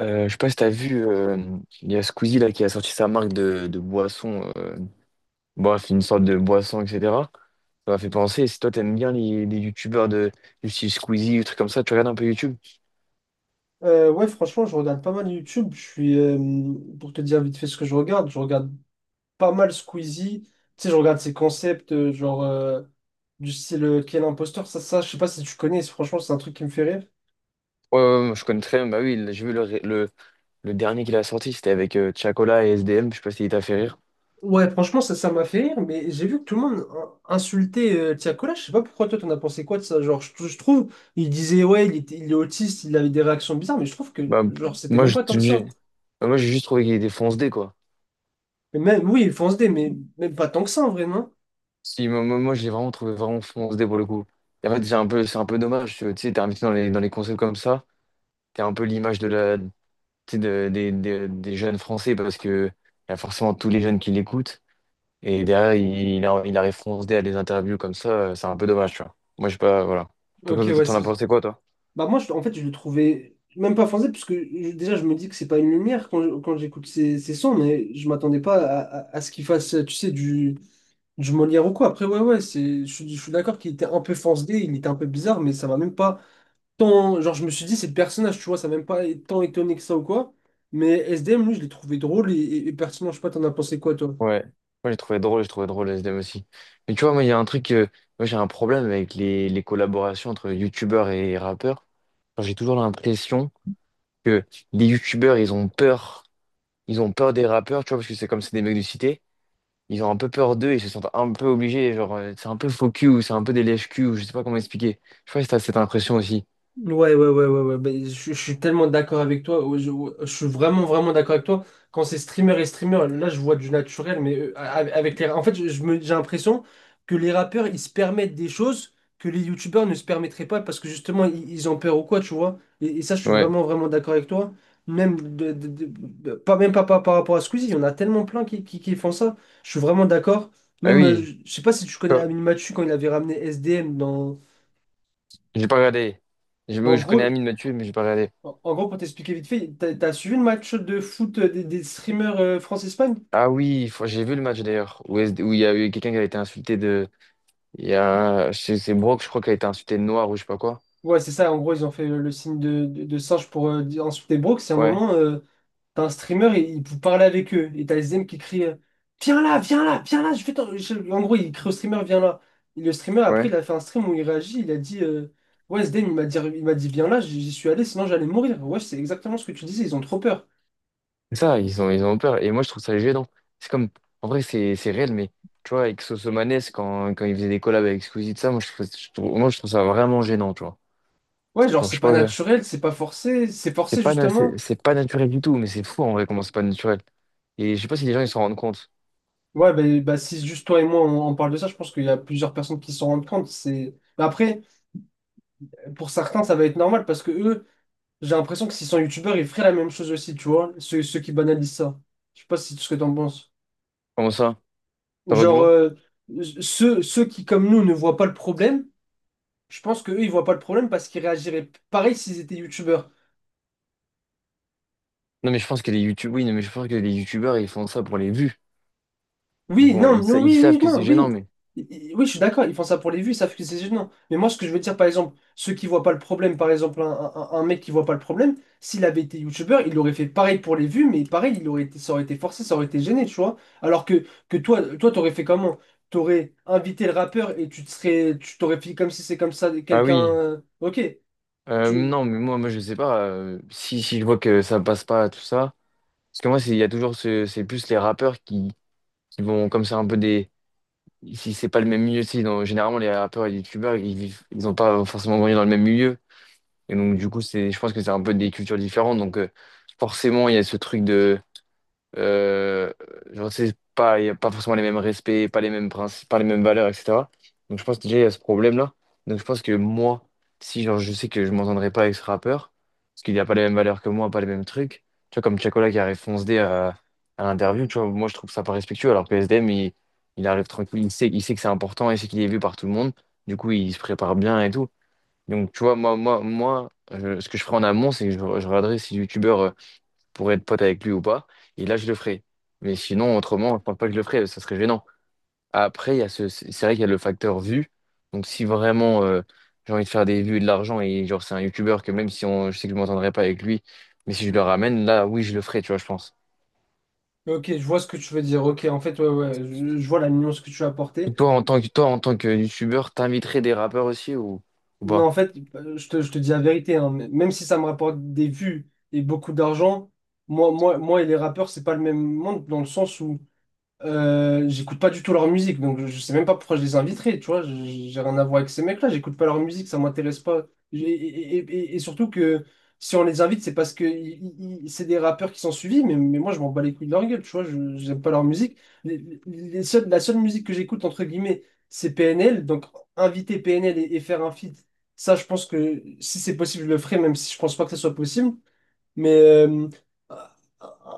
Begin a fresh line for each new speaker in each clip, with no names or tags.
Je sais pas si t'as vu, il y a Squeezie là qui a sorti sa marque de boisson, bref, une sorte de boisson, etc. Ça m'a fait penser, si toi t'aimes bien les youtubeurs de du style Squeezie, des trucs comme ça, tu regardes un peu YouTube?
Ouais, Franchement, je regarde pas mal YouTube. Je suis, pour te dire vite fait ce que je regarde pas mal Squeezie. Tu sais, je regarde ses concepts, genre du style Quel imposteur, ça, je sais pas si tu connais, franchement, c'est un truc qui me fait rire.
Ouais, ouais, ouais, je connais très bien. Bah oui, j'ai vu le dernier qu'il a sorti, c'était avec Tiakola et S D M, je sais pas si il t'a fait rire.
Ouais, franchement, ça m'a fait rire, mais j'ai vu que tout le monde insultait Tiakola. Je sais pas pourquoi toi, t'en as pensé quoi de ça? Genre, je trouve, il disait, ouais, il était, il est autiste, il avait des réactions bizarres, mais je trouve que,
Bah,
genre, c'était
moi,
même
je-
pas tant que
j'ai
ça.
bah, moi, j'ai juste trouvé qu'il était fonce-dé, quoi.
Mais même, oui, il fonce des, mais même pas tant que ça, en vrai, non?
Si, moi, je l'ai vraiment trouvé vraiment fonce-dé pour le coup. Et en fait, c'est un peu dommage. Tu sais, t'es invité dans les concepts comme ça, t'es un peu l'image tu sais, des jeunes Français parce que il y a forcément tous les jeunes qui l'écoutent. Et derrière, il arrive foncé à des interviews comme ça, c'est un peu dommage, tu vois. Moi, je sais pas, voilà.
Ok,
Toi, T'en
ouais.
t'en as pensé quoi, toi?
Bah moi, en fait, je le trouvais même pas foncé parce que déjà, je me dis que c'est pas une lumière quand, quand j'écoute ces, ces sons, mais je m'attendais pas à, à ce qu'il fasse, tu sais, du Molière ou quoi. Après, ouais, ouais, c'est, je suis d'accord qu'il était un peu foncé, il était un peu bizarre, mais ça m'a même pas tant... Genre, je me suis dit, c'est le personnage, tu vois, ça m'a même pas tant étonné que ça ou quoi. Mais S D M lui, je l'ai trouvé drôle et pertinent. Je sais pas, t'en as pensé quoi, toi?
Ouais, moi j'ai trouvé drôle le SDM aussi. Mais tu vois, moi il y a un truc, moi j'ai un problème avec les collaborations entre youtubeurs et rappeurs. Enfin, j'ai toujours l'impression que les youtubeurs ils ont peur des rappeurs, tu vois, parce que c'est comme c'est des mecs de cité. Ils ont un peu peur d'eux, ils se sentent un peu obligés, genre c'est un peu faux cul ou c'est un peu des lèche-cul, ou je sais pas comment expliquer. Je sais pas si t'as cette impression aussi.
Ouais, ouais, ouais, ouais, ouais. Ben, je suis tellement d'accord avec toi. Ouais. Je suis vraiment, vraiment d'accord avec toi. Quand c'est streamer et streamer, là, je vois du naturel, mais avec les... En fait, j'ai l'impression que les rappeurs, ils se permettent des choses que les youtubeurs ne se permettraient pas parce que justement, ils ont peur ou quoi, tu vois. Et ça, je suis
Ouais.
vraiment, vraiment d'accord avec toi. Même, pas par rapport à Squeezie, il y en a tellement plein qui font ça. Je suis vraiment d'accord.
Ah
Même,
oui.
je sais pas si tu connais
Oh,
Amine Mathieu quand il avait ramené S D M dans...
j'ai pas regardé.
Mais
Je,
En
je connais
gros,
Amine Mathieu, mais j'ai pas regardé.
en gros, pour t'expliquer vite fait, t'as suivi le match de foot des streamers France-Espagne?
Ah oui, j'ai vu le match d'ailleurs, où il y a eu quelqu'un qui a été insulté de. Il y a. c'est Brock, je crois, qui a été insulté de noir ou je sais pas quoi.
Ouais, c'est ça, en gros, ils ont fait le signe de singe pour insulter Brooks. C'est un
Ouais,
moment, t'as un streamer, et il peut parler avec eux. Et t'as les M qui crie viens là, viens là, viens là, je vais t'en- je- en gros, il crie au streamer, viens là. Et le streamer, après,
ouais.
il a fait un stream où il réagit, il a dit ouais, Zdem, il m'a dit viens là, j'y suis allé, sinon j'allais mourir. Ouais, c'est exactement ce que tu disais, ils ont trop peur.
C'est ça, ils ont peur. Et moi, je trouve ça gênant. C'est comme. En vrai, c'est réel, mais tu vois, avec Soso Maness, quand il faisait des collabs avec Squeezie, tout ça, moi, je trouve ça vraiment gênant, tu vois.
Ouais, genre,
Genre, je
c'est
sais
pas
pas,
naturel, c'est pas forcé, c'est
c'est
forcé
pas, na- c'est
justement.
c'est pas naturel du tout, mais c'est fou en vrai comment c'est pas naturel. Et je sais pas si les gens ils s'en rendent compte.
Ouais, bah, bah, si juste toi et moi on parle de ça, je pense qu'il y a plusieurs personnes qui s'en rendent compte. C'est... Mais après, pour certains, ça va être normal parce que eux, j'ai l'impression que s'ils sont youtubeurs, ils feraient la même chose aussi, tu vois, ceux qui banalisent ça. Je sais pas si ce que t'en penses.
Comment ça? Ça va du
Genre,
moins?
ceux qui, comme nous, ne voient pas le problème, je pense qu'eux, ils voient pas le problème parce qu'ils réagiraient pareil s'ils étaient youtubeurs.
Non, mais je pense que les youtubeurs, oui, non, mais je pense que les youtubeurs ils font ça pour les vues. Ils
Oui,
vont,
non,
ils, sa-
non,
ils
oui,
savent
oui,
que
non,
c'est
oui.
gênant, mais.
Oui, je suis d'accord, ils font ça pour les vues, ça fait que c'est gênant. Mais moi, ce que je veux dire, par exemple, ceux qui voient pas le problème, par exemple, un mec qui voit pas le problème, s'il avait été youtubeur, il aurait fait pareil pour les vues, mais pareil, il aurait été, ça aurait été forcé, ça aurait été gêné, tu vois. Alors que, toi, t'aurais fait comment? T'aurais invité le rappeur et tu t'aurais fait comme si c'est comme ça,
Ah oui.
quelqu'un. Ok, tu,
Non, mais moi, je sais pas. Si, je vois que ça passe pas, tout ça. Parce que moi, il y a toujours ce, c'est plus les rappeurs qui vont comme ça un peu des. Si c'est pas le même milieu, tu sais, généralement les rappeurs et les youtubeurs, ils vivent, ils ont pas forcément grandi dans le même milieu. Et donc, du coup, c'est, je pense que c'est un peu des cultures différentes. Donc, forcément, il y a ce truc de. Euh, genre, c'est pas, il y a pas forcément les mêmes respects, pas les mêmes principes, pas les mêmes valeurs, etc. Donc, je pense que déjà, il y a ce problème-là. Donc, je pense que moi, si genre, je sais que je m'entendrai pas avec ce rappeur parce qu'il n'y a pas les mêmes valeurs que moi, pas les mêmes trucs, tu vois, comme Chacola qui arrive fonce dé à l'interview, tu vois, moi, je trouve ça pas respectueux, alors que S SDM, il arrive tranquille, il sait que c'est important, il sait qu'il est vu par tout le monde. Du coup, il se prépare bien et tout. Donc, tu vois, ce que je ferai en amont, c'est que je regarderai si le youtubeur pourrait être pote avec lui ou pas. Et là, je le ferai. Mais sinon, autrement, je pense pas que je le ferai, ça serait gênant. Après, il y a ce, c'est vrai qu'il y a le facteur vue. Donc, si vraiment j'ai envie de faire des vues et de l'argent, et genre, c'est un youtubeur que même si on, je sais que je m'entendrai pas avec lui, mais si je le ramène, là, oui, je le ferai, tu vois, je pense.
ok, je vois ce que tu veux dire. Ok, en fait, ouais, ouais, je vois la nuance que tu as apportée.
Toi, en tant que, toi, en tant que youtubeur, t'inviterais des rappeurs aussi, ou
Non,
pas?
en fait, je te dis la vérité, hein, mais même si ça me rapporte des vues et beaucoup d'argent, moi et les rappeurs, c'est pas le même monde dans le sens où j'écoute pas du tout leur musique, donc je sais même pas pourquoi je les inviterais, tu vois. J'ai rien à voir avec ces mecs-là, j'écoute pas leur musique, ça m'intéresse pas. Et surtout que si on les invite, c'est parce que c'est des rappeurs qui sont suivis, mais moi je m'en bats les couilles de leur gueule, tu vois. J'aime pas leur musique. La seule musique que j'écoute, entre guillemets, c'est PNL, donc inviter PNL et faire un feat, ça je pense que si c'est possible, je le ferai, même si je pense pas que ça soit possible. Mais euh,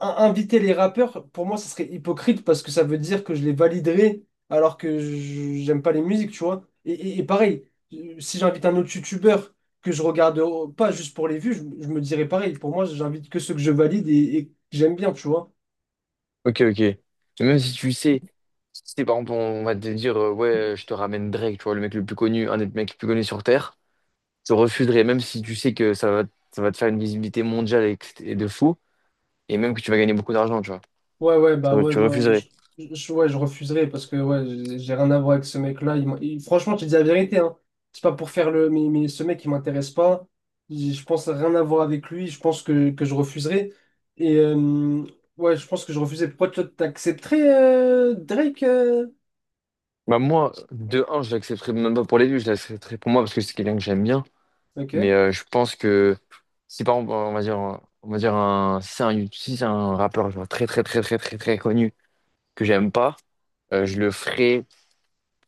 in- inviter les rappeurs, pour moi, ça serait hypocrite parce que ça veut dire que je les validerais alors que j'aime pas les musiques, tu vois. Et pareil, si j'invite un autre youtubeur que je regarde pas juste pour les vues, je me dirais pareil. Pour moi, j'invite que ceux que je valide et que j'aime bien, tu vois.
Ok, ok. Mais même si tu sais, si c'est par exemple, on va te dire, ouais, je te ramène Drake, tu vois, le mec le plus connu, un des mecs les plus connus sur Terre, tu refuserais, même si tu sais que ça va te faire une visibilité mondiale et, que c'est- et de fou, et même que tu vas gagner beaucoup d'argent, tu vois.
Ouais, ouais, bah
Tu
ouais,
tu
non,
refuserais.
ouais, je refuserais parce que ouais, j'ai rien à voir avec ce mec-là. Franchement, je te dis la vérité, hein. C'est pas pour faire le. Mais ce mec, il m'intéresse pas. Je pense rien à voir avec lui. Je pense que, je refuserais. Et ouais, je pense que je refuserais. Pourquoi toi, t'accepterais Drake?
Bah, moi, de un, je l'accepterais même pas pour les vues, je l'accepterais pour moi parce que c'est quelqu'un que j'aime bien. Mais
Ok,
je pense que si par exemple, on va dire un, si c'est un rappeur genre, très, très, très, très, très, très connu que j'aime pas, je le ferais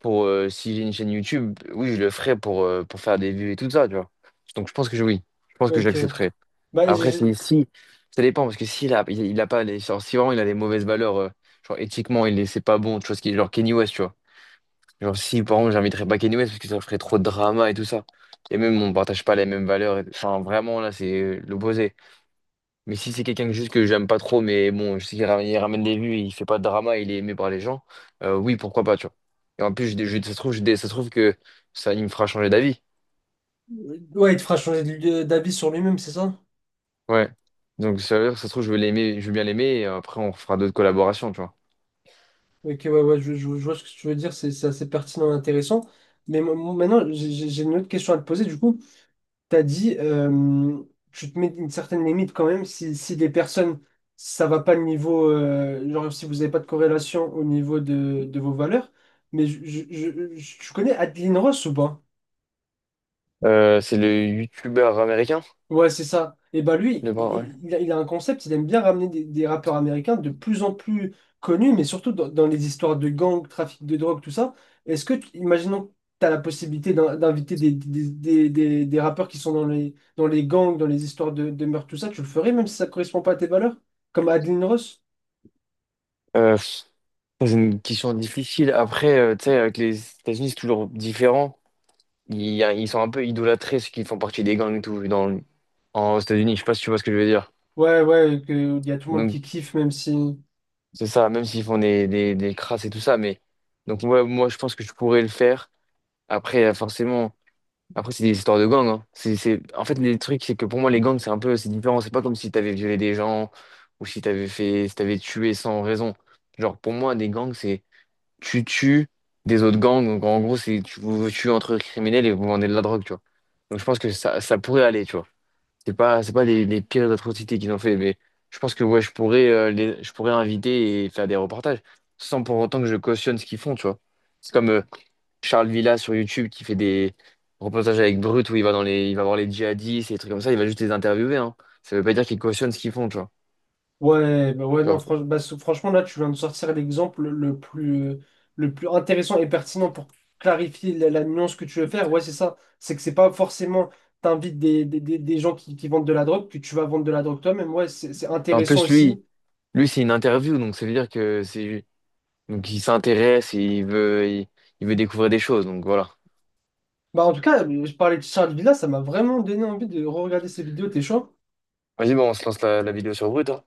pour si j'ai une chaîne YouTube, oui, je le ferai pour faire des vues et tout ça, tu vois. Donc je pense que oui, je pense que
ok.
j'accepterai.
Bah,
Après, si,
j'ai-
si, ça dépend, parce que s'il a, il a pas les, genre, si vraiment il a des mauvaises valeurs, genre éthiquement, c'est pas bon, tu vois, ce qui est genre Kenny West, tu vois. Genre si, par exemple, j'inviterais pas Kenny West parce que ça ferait trop de drama et tout ça. Et même, on partage pas les mêmes valeurs. Enfin, vraiment, là, c'est l'opposé. Mais si c'est quelqu'un que juste que j'aime pas trop, mais bon, je sais qu'il ramène des vues, il fait pas de drama, il est aimé par les gens, oui, pourquoi pas, tu vois. Et en plus, ça se trouve, ça se trouve que ça, il me fera changer d'avis.
ouais, il te fera changer d'avis sur lui-même, c'est ça?
Ouais. Donc, ça veut dire que ça se trouve, je vais l'aimer, je vais bien l'aimer, et après, on fera d'autres collaborations, tu vois.
Ok, ouais, ouais, je vois ce que tu veux dire. C'est assez pertinent et intéressant. Mais maintenant, j'ai une autre question à te poser. Du coup. T'as dit, tu te mets une certaine limite quand même si, si les personnes, ça va pas le niveau, genre si vous n'avez pas de corrélation au niveau de vos valeurs. Mais tu connais Adeline Ross ou pas?
C'est le youtubeur américain,
Ouais, c'est ça. Et bah lui,
le bras, ouais.
il a un concept, il aime bien ramener des rappeurs américains de plus en plus connus, mais surtout dans, dans les histoires de gangs, trafic de drogue, tout ça. Est-ce que, imaginons que tu as la possibilité d'inviter des rappeurs qui sont dans les gangs, dans les histoires de meurtre, tout ça, tu le ferais même si ça correspond pas à tes valeurs? Comme Adeline Ross?
Euh, pff, Ça, c'est une question difficile. Après, tu sais, avec les États-Unis, c'est toujours différent. Ils sont un peu idolâtrés, ceux qui font partie des gangs et tout, dans, en, aux États-Unis. Je sais pas si tu vois ce que je veux dire.
Ouais, ouais, il y a tout le monde
Donc,
qui kiffe, même si...
c'est ça, même s'ils font des crasses et tout ça, mais donc moi, je pense que je pourrais le faire. Après, forcément, après c'est des histoires de gangs, hein. C'est... En fait, les trucs, c'est que pour moi, les gangs, c'est un peu, c'est différent. C'est pas comme si t'avais violé des gens, ou si t'avais fait, si t'avais tué sans raison. Genre, pour moi, des gangs, c'est tu tues des autres gangs. Donc, en gros, c'est tu vous tuez entre criminels et vous vendez de la drogue, tu vois. Donc, je pense que ça pourrait aller, tu vois. C'est pas les, les pires atrocités qu'ils ont fait, mais je pense que ouais, je pourrais, je pourrais inviter et faire des reportages sans pour autant que je cautionne ce qu'ils font, tu vois. C'est comme Charles Villa sur YouTube qui fait des reportages avec Brut où il va dans les, il va voir les djihadistes et des trucs comme ça, il va juste les interviewer, hein. Ça veut pas dire qu'il cautionne ce qu'ils font, tu vois.
Ouais, bah ouais, non,
Genre,
franchement, là, tu viens de sortir l'exemple le plus intéressant et pertinent pour clarifier la, la nuance que tu veux faire. Ouais, c'est ça. C'est que c'est pas forcément t'invites des gens qui vendent de la drogue que tu vas vendre de la drogue toi-même. Ouais, c'est
en
intéressant
plus,
aussi.
lui, c'est une interview, donc ça veut dire que c'est, donc il s'intéresse et il veut, il veut découvrir des choses, donc voilà.
Bah, en tout cas, je parlais de Charles Villa, ça m'a vraiment donné envie de re-regarder ses vidéos. T'es chaud?
Vas-y, bon, on se lance la, la vidéo sur Brut, hein.